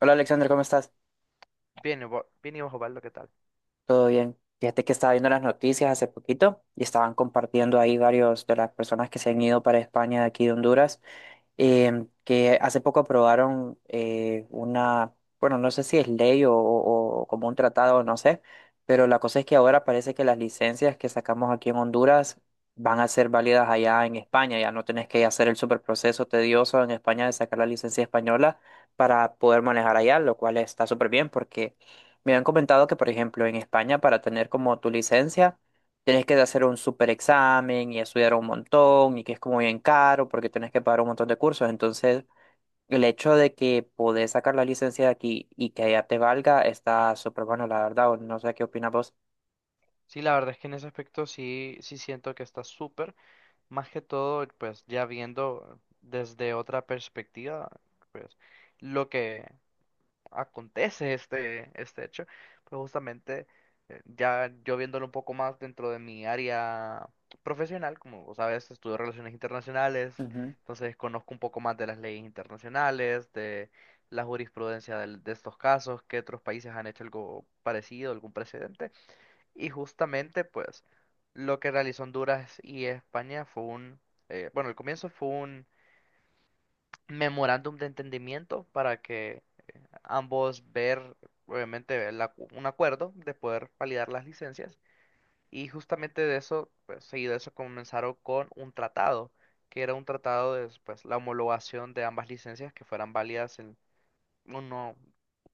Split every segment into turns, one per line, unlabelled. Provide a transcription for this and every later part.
Hola Alexander, ¿cómo estás?
Bien, y bien y bajo palo, ¿qué tal?
¿Todo bien? Fíjate que estaba viendo las noticias hace poquito y estaban compartiendo ahí varios de las personas que se han ido para España de aquí de Honduras, que hace poco aprobaron una, bueno, no sé si es ley o como un tratado, no sé, pero la cosa es que ahora parece que las licencias que sacamos aquí en Honduras van a ser válidas allá en España, ya no tenés que hacer el super proceso tedioso en España de sacar la licencia española para poder manejar allá, lo cual está súper bien porque me han comentado que, por ejemplo, en España para tener como tu licencia, tienes que hacer un super examen y estudiar un montón y que es como bien caro porque tienes que pagar un montón de cursos. Entonces, el hecho de que podés sacar la licencia de aquí y que ya te valga está súper bueno, la verdad. O No sé qué opinas vos.
Sí, la verdad es que en ese aspecto sí, sí siento que está súper. Más que todo, pues ya viendo desde otra perspectiva, pues lo que acontece este hecho, pues justamente ya yo viéndolo un poco más dentro de mi área profesional, como vos sabes, estudio relaciones internacionales, entonces conozco un poco más de las leyes internacionales, de la jurisprudencia de estos casos, que otros países han hecho algo parecido, algún precedente. Y justamente, pues, lo que realizó Honduras y España fue un, bueno, el comienzo fue un memorándum de entendimiento para que ambos ver, obviamente, un acuerdo de poder validar las licencias. Y justamente de eso, pues, seguido de eso comenzaron con un tratado, que era un tratado de, pues, la homologación de ambas licencias que fueran válidas uno,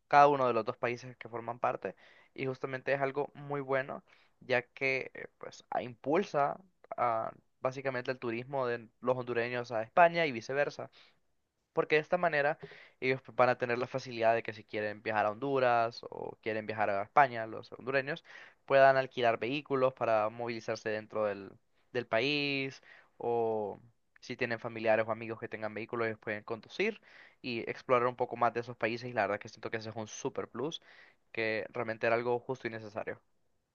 cada uno de los dos países que forman parte y justamente es algo muy bueno ya que pues impulsa a, básicamente el turismo de los hondureños a España y viceversa. Porque de esta manera ellos van a tener la facilidad de que si quieren viajar a Honduras o quieren viajar a España, los hondureños puedan alquilar vehículos para movilizarse dentro del país o si tienen familiares o amigos que tengan vehículos, ellos pueden conducir y explorar un poco más de esos países y la verdad que siento que ese es un super plus que realmente era algo justo y necesario.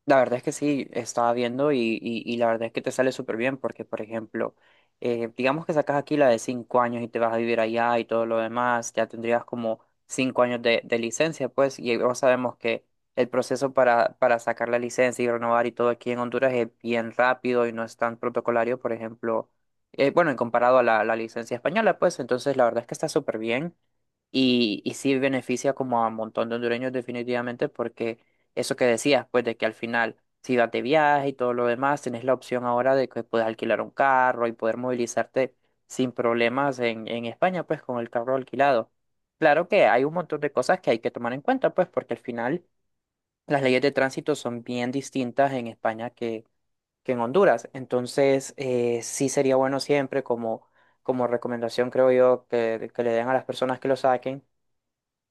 La verdad es que sí, estaba viendo y la verdad es que te sale súper bien porque, por ejemplo, digamos que sacas aquí la de 5 años y te vas a vivir allá y todo lo demás, ya tendrías como 5 años de licencia, pues, y ya sabemos que el proceso para sacar la licencia y renovar y todo aquí en Honduras es bien rápido y no es tan protocolario, por ejemplo, bueno, en comparado a la licencia española, pues, entonces la verdad es que está súper bien y sí beneficia como a un montón de hondureños definitivamente porque eso que decías, pues de que al final, si vas de viaje y todo lo demás, tenés la opción ahora de que puedes alquilar un carro y poder movilizarte sin problemas en España, pues con el carro alquilado. Claro que hay un montón de cosas que hay que tomar en cuenta, pues porque al final las leyes de tránsito son bien distintas en España que en Honduras. Entonces, sí sería bueno siempre como, como recomendación, creo yo, que le den a las personas que lo saquen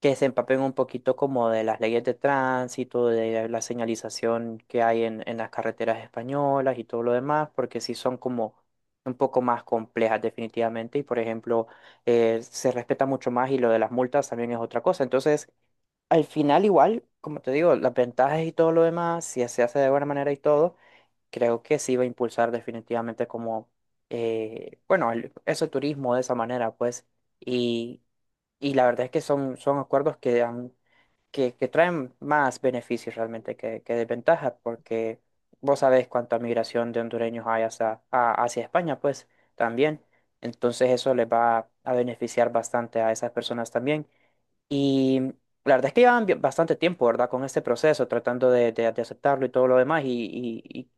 que se empapen un poquito como de las leyes de tránsito, de la señalización que hay en las carreteras españolas y todo lo demás, porque sí son como un poco más complejas definitivamente y por ejemplo se respeta mucho más y lo de las multas también es otra cosa. Entonces, al final igual, como te digo, las ventajas y todo lo demás, si se hace de buena manera y todo, creo que sí va a impulsar definitivamente como, bueno, ese turismo de esa manera, pues, y... Y la verdad es que son, son acuerdos que traen más beneficios realmente que desventajas, porque vos sabés cuánta migración de hondureños hay hacia España, pues también. Entonces eso les va a beneficiar bastante a esas personas también. Y la verdad es que llevan bastante tiempo, ¿verdad? Con este proceso, tratando de aceptarlo y todo lo demás. Y, y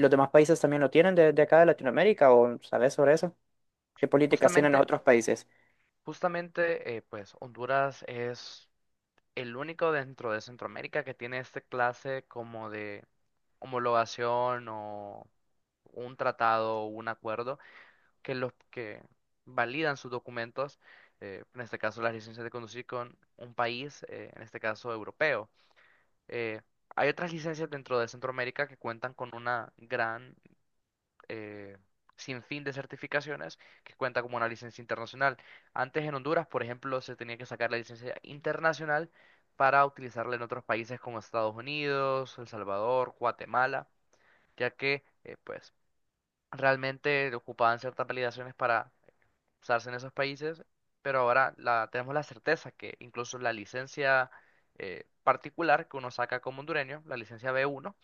los demás países también lo tienen de acá de Latinoamérica, ¿o sabés sobre eso? ¿Qué políticas tienen los
Justamente,
otros países?
justamente, pues Honduras es el único dentro de Centroamérica que tiene este clase como de homologación o un tratado o un acuerdo que los que validan sus documentos, en este caso las licencias de conducir con un país, en este caso europeo. Eh, Hay otras licencias dentro de Centroamérica que cuentan con una gran eh, sin fin de certificaciones que cuenta como una licencia internacional. Antes en Honduras, por ejemplo, se tenía que sacar la licencia internacional para utilizarla en otros países como Estados Unidos, El Salvador, Guatemala, ya que pues realmente ocupaban ciertas validaciones para usarse en esos países, pero ahora la, tenemos la certeza que incluso la licencia particular que uno saca como hondureño, la licencia B1,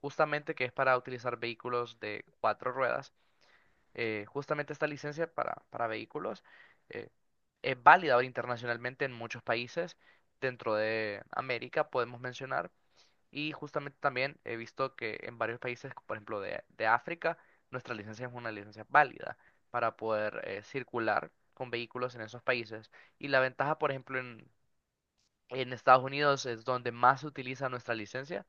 justamente que es para utilizar vehículos de cuatro ruedas, justamente esta licencia para, vehículos eh, es válida ahora internacionalmente en muchos países dentro de América, podemos mencionar, y justamente también he visto que en varios países, por ejemplo, de África, nuestra licencia es una licencia válida para poder circular con vehículos en esos países. Y la ventaja, por ejemplo, en, Estados Unidos es donde más se utiliza nuestra licencia.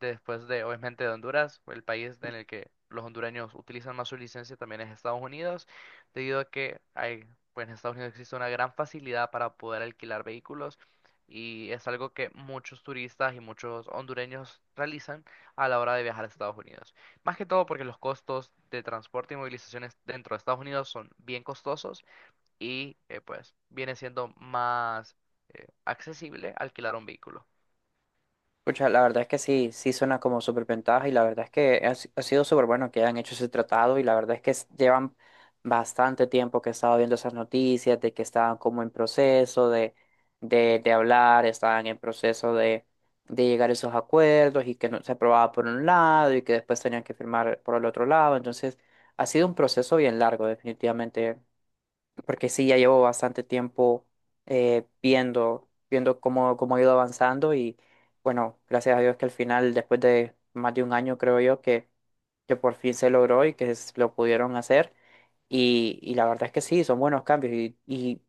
Después de, obviamente, de Honduras, el país en el que los hondureños utilizan más su licencia también es Estados Unidos, debido a que hay, pues en Estados Unidos existe una gran facilidad para poder alquilar vehículos y es algo que muchos turistas y muchos hondureños realizan a la hora de viajar a Estados Unidos. Más que todo porque los costos de transporte y movilizaciones dentro de Estados Unidos son bien costosos y pues viene siendo más accesible alquilar un vehículo.
Pucha, la verdad es que sí, sí suena como súper ventaja y la verdad es que ha, si- ha sido súper bueno que hayan hecho ese tratado y la verdad es que llevan bastante tiempo que he estado viendo esas noticias de que estaban como en proceso de, de hablar, estaban en proceso de llegar a esos acuerdos y que no se aprobaba por un lado y que después tenían que firmar por el otro lado. Entonces, ha sido un proceso bien largo, definitivamente porque sí, ya llevo bastante tiempo viendo cómo ha ido avanzando y bueno, gracias a Dios que al final, después de más de un año, creo yo, que por fin se logró y que lo pudieron hacer. Y la verdad es que sí, son buenos cambios y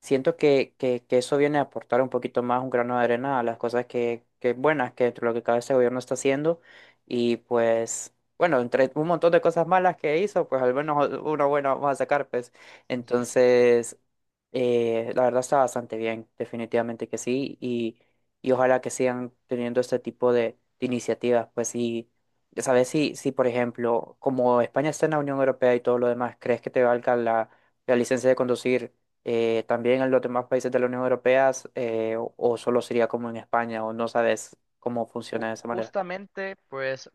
siento que eso viene a aportar un poquito más, un grano de arena a las cosas que buenas, que lo que cada este gobierno está haciendo. Y pues, bueno, entre un montón de cosas malas que hizo, pues al menos una buena vamos a sacar, pues.
Sí.
Entonces, la verdad está bastante bien, definitivamente que sí, y ojalá que sigan teniendo este tipo de iniciativas, pues sí, ya sabes, si, si por ejemplo, como España está en la Unión Europea y todo lo demás, ¿crees que te valga la licencia de conducir también en los demás países de la Unión Europea, o solo sería como en España o no sabes cómo funciona
Ju-
de esa manera?
Justamente, pues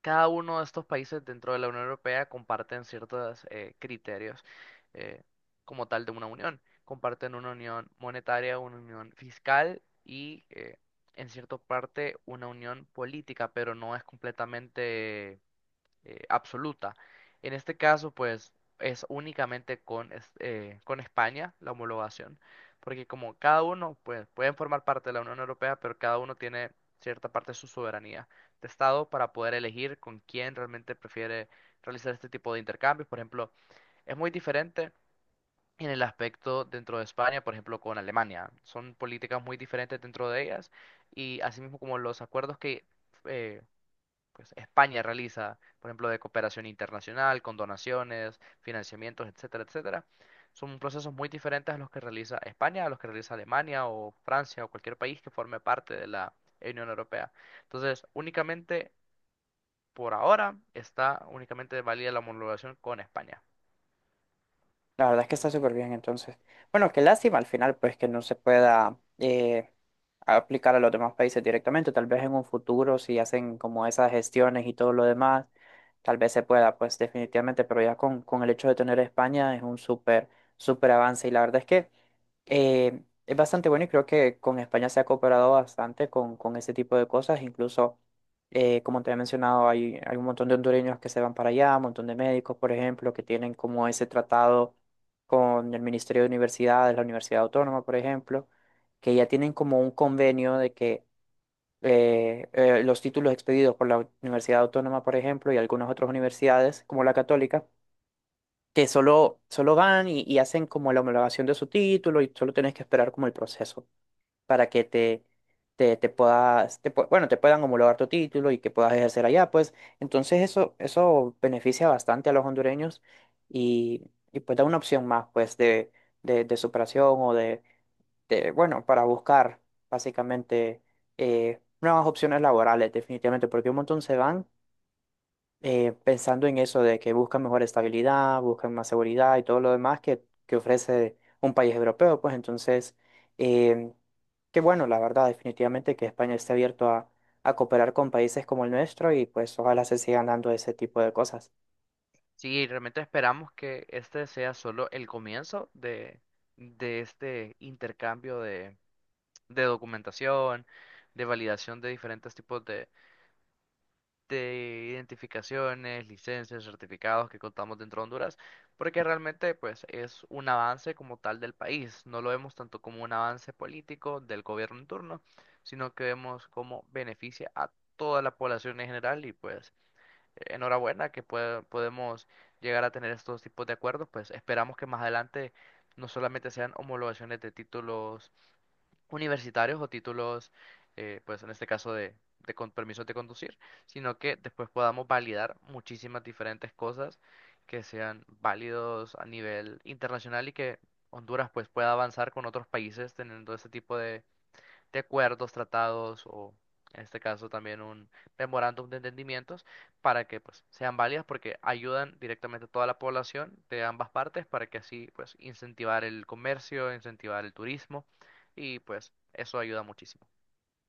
cada uno de estos países dentro de la Unión Europea comparten ciertos criterios eh, como tal de una unión. Comparten una unión monetaria, una unión fiscal y en cierta parte una unión política, pero no es completamente absoluta. En este caso, pues es únicamente con España la homologación, porque como cada uno, pues pueden formar parte de la Unión Europea, pero cada uno tiene cierta parte de su soberanía de Estado para poder elegir con quién realmente prefiere realizar este tipo de intercambios. Por ejemplo, es muy diferente en el aspecto dentro de España, por ejemplo, con Alemania. Son políticas muy diferentes dentro de ellas y asimismo como los acuerdos que... eh, pues España realiza, por ejemplo, de cooperación internacional, con donaciones, financiamientos, etcétera, etcétera. Son procesos muy diferentes a los que realiza España, a los que realiza Alemania o Francia o cualquier país que forme parte de la Unión Europea. Entonces, únicamente por ahora está únicamente válida la homologación con España.
La verdad es que está súper bien, entonces. Bueno, qué lástima al final, pues que no se pueda aplicar a los demás países directamente. Tal vez en un futuro, si hacen como esas gestiones y todo lo demás, tal vez se pueda, pues definitivamente, pero ya con el hecho de tener a España es un súper, súper avance. Y la verdad es que es bastante bueno y creo que con España se ha cooperado bastante con ese tipo de cosas. Incluso, como te he mencionado, hay un montón de hondureños que se van para allá, un montón de médicos, por ejemplo, que tienen como ese tratado con el Ministerio de Universidades, la Universidad Autónoma, por ejemplo, que ya tienen como un convenio de que los títulos expedidos por la Universidad Autónoma, por ejemplo, y algunas otras universidades, como la Católica, solo van y hacen como la homologación de su título y solo tienes que esperar como el proceso para que te puedas, bueno, te puedan homologar tu título y que puedas ejercer allá, pues entonces eso beneficia bastante a los hondureños y, y pues da una opción más, pues, de, de superación o de, bueno, para buscar básicamente nuevas opciones laborales, definitivamente, porque un montón se van pensando en eso de que buscan mejor estabilidad, buscan más seguridad y todo lo demás que ofrece un país europeo, pues entonces, eh, qué bueno, la verdad, definitivamente que España esté abierto a cooperar con países como el nuestro y pues ojalá se sigan dando ese tipo de cosas.
Sí, realmente esperamos que este sea solo el comienzo de este intercambio de documentación, de validación de diferentes tipos de identificaciones, licencias, certificados que contamos dentro de Honduras, porque realmente pues es un avance como tal del país, no lo vemos tanto como un avance político del gobierno en turno, sino que vemos cómo beneficia a toda la población en general y pues enhorabuena que podemos llegar a tener estos tipos de acuerdos, pues esperamos que más adelante no solamente sean homologaciones de títulos universitarios o títulos, pues en este caso de, con permisos de conducir, sino que después podamos validar muchísimas diferentes cosas que sean válidos a nivel internacional y que Honduras pues pueda avanzar con otros países teniendo ese tipo de acuerdos, tratados o en este caso también un memorándum de entendimientos para que pues sean válidas porque ayudan directamente a toda la población de ambas partes para que así pues incentivar el comercio, incentivar el turismo y pues eso ayuda muchísimo.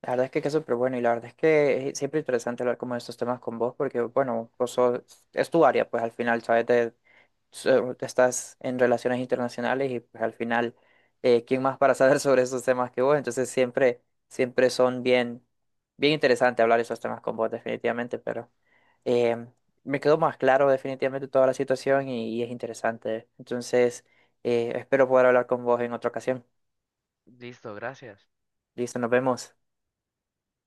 La verdad es que es súper bueno y la verdad es que es siempre interesante hablar como de estos temas con vos porque, bueno, es tu área, pues al final, ¿sabes? De estás en relaciones internacionales y pues al final, ¿quién más para saber sobre esos temas que vos? Entonces siempre, siempre son bien, bien interesante hablar esos temas con vos definitivamente, pero eh, me quedó más claro definitivamente toda la situación y es interesante. Entonces, espero poder hablar con vos en otra ocasión.
Listo, gracias.
Listo, nos vemos.